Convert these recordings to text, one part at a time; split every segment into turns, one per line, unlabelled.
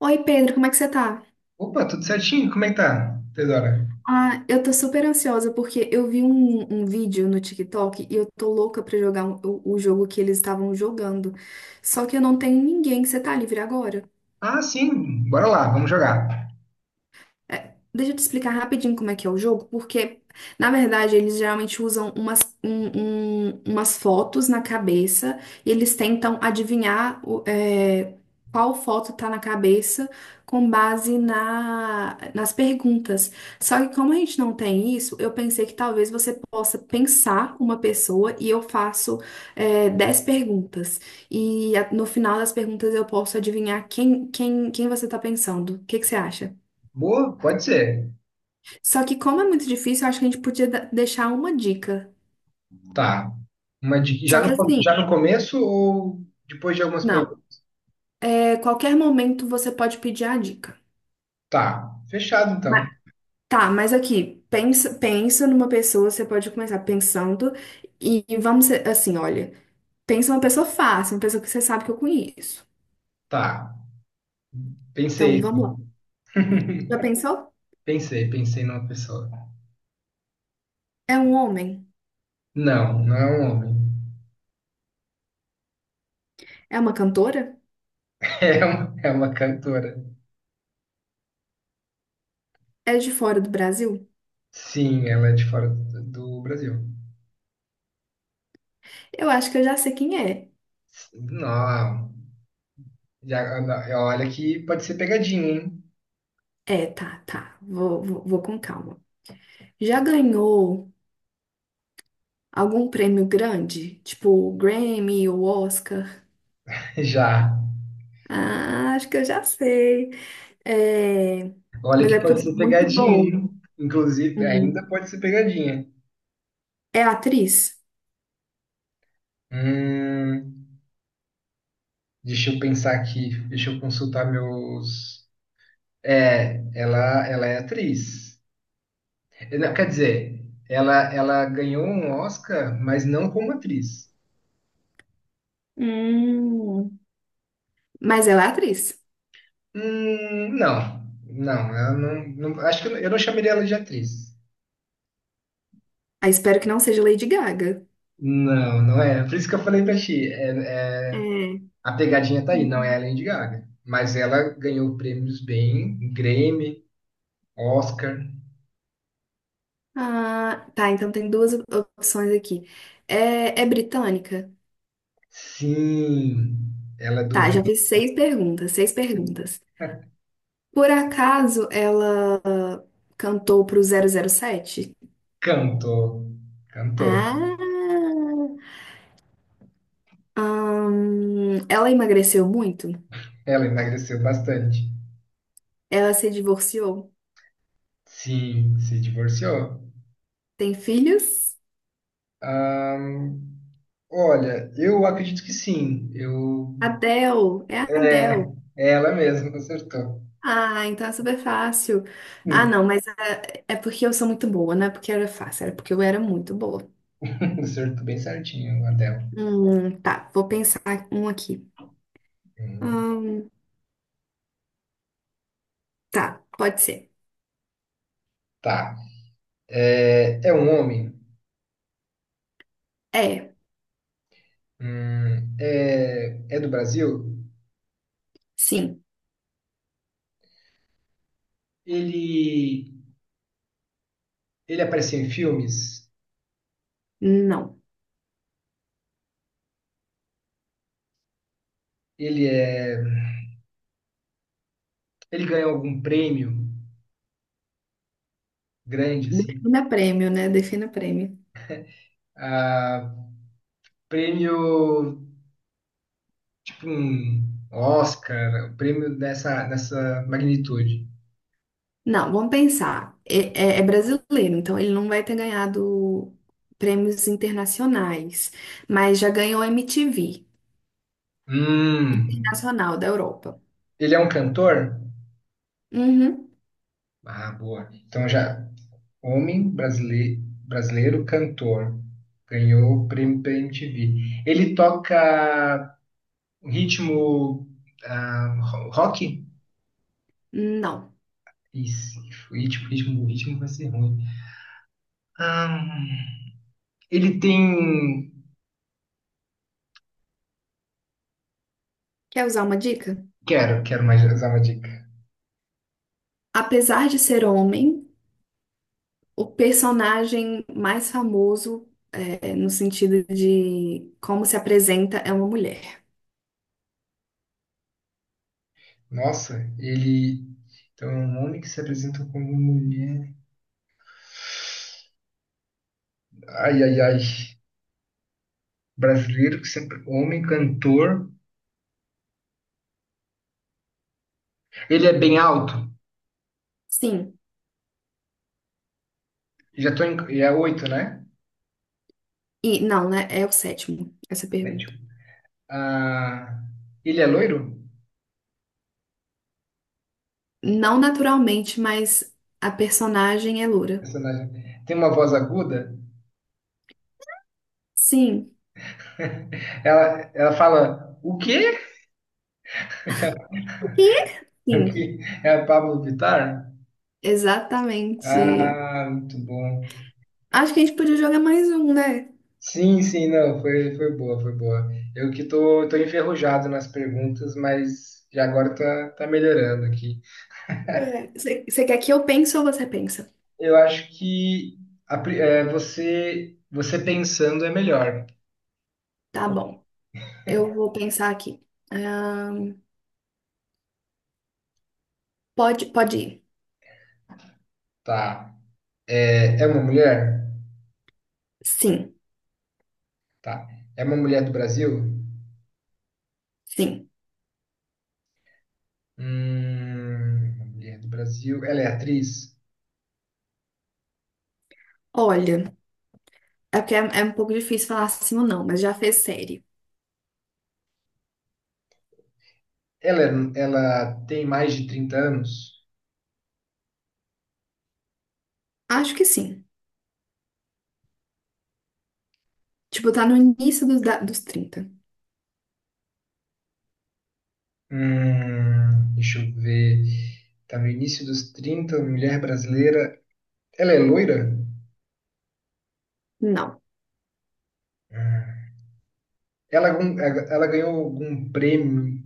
Oi, Pedro, como é que você tá?
Opa, tudo certinho? Como é que tá, Teodora?
Eu tô super ansiosa porque eu vi um vídeo no TikTok e eu tô louca pra jogar o jogo que eles estavam jogando. Só que eu não tenho ninguém. Você tá livre agora?
Ah, sim, bora lá, vamos jogar.
Deixa eu te explicar rapidinho como é que é o jogo, porque, na verdade, eles geralmente usam umas fotos na cabeça e eles tentam adivinhar qual foto tá na cabeça com base nas perguntas. Só que como a gente não tem isso, eu pensei que talvez você possa pensar uma pessoa e eu faço 10 perguntas. E no final das perguntas eu posso adivinhar quem você tá pensando. O que que você acha?
Boa, pode ser.
Só que como é muito difícil, eu acho que a gente podia deixar uma dica.
Tá. Uma
Só
já
que
no, já no
assim,
começo ou depois de algumas perguntas?
não. É, qualquer momento você pode pedir a dica.
Tá, fechado
Mas-
então.
tá, mas aqui, pensa numa pessoa, você pode começar pensando e assim, olha, pensa uma pessoa fácil, uma pessoa que você sabe que eu conheço.
Tá,
Então,
pensei
vamos
aqui.
lá. Já pensou?
Pensei numa pessoa.
É um homem?
Não, não é um homem.
É uma cantora?
É uma cantora.
É de fora do Brasil?
Sim, ela é de fora do Brasil.
Eu acho que eu já sei quem é.
Não, já, olha que pode ser pegadinha, hein?
Tá, tá. Vou com calma. Já ganhou algum prêmio grande? Tipo o Grammy ou Oscar?
Já.
Ah, acho que eu já sei. É.
Olha
Mas
que
é porque eu
pode
sou
ser
muito
pegadinha, hein?
boa.
Inclusive, ainda
Hum,
pode ser pegadinha.
É atriz?
Hum, deixa eu pensar aqui, deixa eu consultar meus. É, ela é atriz. Não, quer dizer, ela ganhou um Oscar, mas não como atriz.
Hum, Mas ela é atriz.
Não, não, acho que eu não, eu não chamaria ela de atriz.
Ah, espero que não seja Lady Gaga.
Não, não é. Por isso que eu falei pra ti.
É.
A pegadinha tá aí, não é a
Uhum.
Lady Gaga. Mas ela ganhou prêmios bem, Grammy. Oscar.
Ah, tá. Então tem duas opções aqui. É britânica?
Sim, ela é do
Tá, já fiz seis perguntas, seis perguntas. Por acaso ela cantou pro 007?
Recanto. Cantou.
Ah, ela emagreceu muito?
Ela emagreceu bastante.
Ela se divorciou?
Sim, se divorciou.
Tem filhos?
Ahn, olha, eu acredito que sim. Eu.
Adele, é a
É,
Adele.
é ela mesma, acertou.
Ah, então é super fácil. Ah,
Hum,
não, é porque eu sou muito boa, não é porque era fácil, era porque eu era muito boa.
acertou bem certinho a dela.
Tá, vou pensar um aqui.
Hum,
Hum, tá, pode ser.
tá. É, é um homem.
É,
É, é do Brasil.
sim,
Ele, ele apareceu em filmes.
não.
Ele ele ganhou algum prêmio grande, assim?
Defina prêmio, né? Defina prêmio.
Ah, prêmio, hum, Oscar, prêmio dessa, dessa magnitude.
Não, vamos pensar. É brasileiro, então ele não vai ter ganhado prêmios internacionais, mas já ganhou MTV
Hum,
Internacional da Europa.
ele é um cantor?
Uhum.
Ah, boa. Então já, homem brasileiro, brasileiro cantor. Ganhou o prêmio pela MTV. Ele toca ritmo rock?
Não.
Isso, ritmo, ritmo, ritmo vai ser ruim. Ah, ele tem.
Quer usar uma dica?
Quero, quero mais usar uma dica.
Apesar de ser homem, o personagem mais famoso, é, no sentido de como se apresenta, é uma mulher.
Nossa, ele. Então, é um homem que se apresenta como mulher. Ai, ai, ai. Brasileiro que sempre. Homem cantor. Ele é bem alto.
Sim.
Já tô em. É oito, né?
E não, né? É o sétimo, essa
Sete.
pergunta.
Ah, ele é loiro?
Não naturalmente, mas a personagem é loura.
Personagem. Tem uma voz aguda?
Sim.
Ela fala. O quê?
E? Sim,
Aqui é a Pablo Vittar?
exatamente.
Ah, muito bom.
Acho que a gente podia jogar mais um, né?
Sim, sim, não, foi, foi boa, foi boa. Eu que tô enferrujado nas perguntas, mas já agora tá, tá melhorando aqui.
É, você quer que eu pense ou você pensa?
Eu acho que é, você pensando é melhor.
Tá bom, eu vou pensar aqui. Ahn, pode ir.
Tá. É, é uma mulher?
Sim,
Tá. É uma mulher do Brasil?
sim.
Uma mulher do Brasil. Ela é atriz?
Olha, é porque é um pouco difícil falar sim ou não, mas já fez série.
Ela, ela tem mais de 30 anos?
Acho que sim. Tipo, tá no início dos 30.
Deixa eu ver. Tá no início dos trinta, mulher brasileira. Ela é loira?
Não.
Ah. Ela, ela ganhou algum prêmio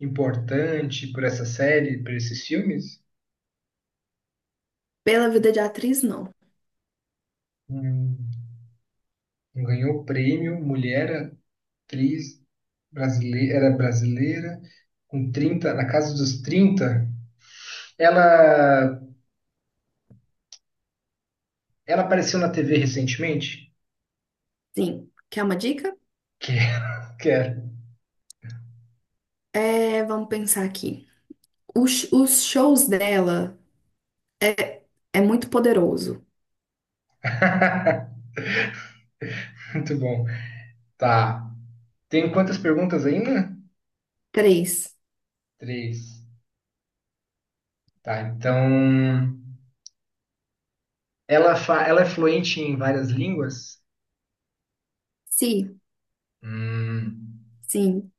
importante por essa série, por esses filmes?
Pela vida de atriz, não.
Hum, ganhou prêmio, mulher, atriz, brasileira, era brasileira, com trinta, na casa dos trinta. Ela, ela apareceu na TV recentemente?
Sim. Quer uma dica?
Quero, quero.
É, vamos pensar aqui. Os shows dela é, é muito poderoso.
Muito bom. Tá. Tem quantas perguntas ainda?
Três.
Três. Tá, então. Ela, ela é fluente em várias línguas?
Se,
Hum,
sim,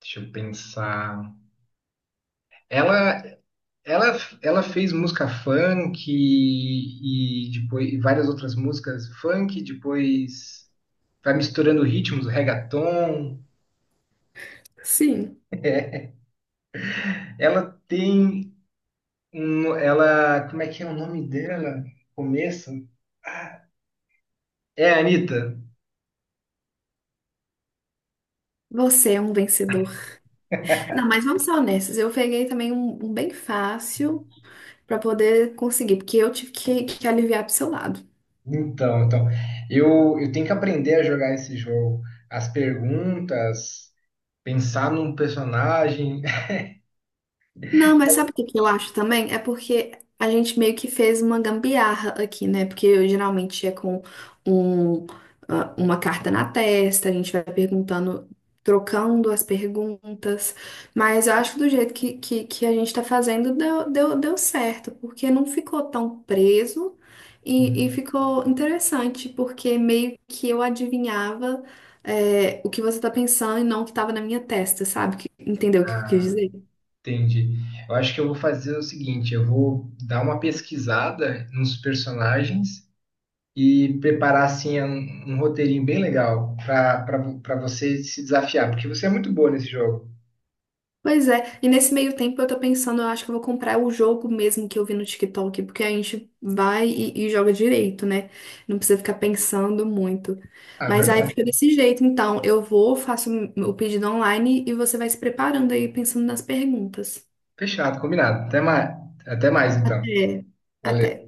deixa eu pensar. Ela, ela, ela fez música funk e depois e várias outras músicas funk, depois vai misturando ritmos, reggaeton.
sim,
Ela tem um, ela, como é que é o nome dela? Começa? É a Anitta.
você é um vencedor. Não, mas vamos ser honestos. Eu peguei também um bem fácil pra poder conseguir, porque eu tive que aliviar pro seu lado.
Então, então, eu tenho que aprender a jogar esse jogo. As perguntas, pensar num personagem.
Não, mas sabe o que que eu acho também? É porque a gente meio que fez uma gambiarra aqui, né? Porque eu geralmente é com um, ah, uma carta na testa, a gente vai perguntando, trocando as perguntas. Mas eu acho que do jeito que a gente tá fazendo deu certo, porque não ficou tão preso e ficou interessante, porque meio que eu adivinhava, o que você tá pensando e não o que tava na minha testa, sabe? Entendeu o que eu quis
Ah,
dizer?
entendi. Eu acho que eu vou fazer o seguinte, eu vou dar uma pesquisada nos personagens e preparar assim um, um roteirinho bem legal para você se desafiar, porque você é muito boa nesse jogo.
Pois é, e nesse meio tempo eu tô pensando, eu acho que eu vou comprar o jogo mesmo que eu vi no TikTok, porque a gente vai e joga direito, né? Não precisa ficar pensando muito.
Ah,
Mas aí
verdade.
fica desse jeito, então eu vou, faço o pedido online e você vai se preparando aí, pensando nas perguntas.
Fechado, combinado. Até mais então.
Até, até.
Valeu.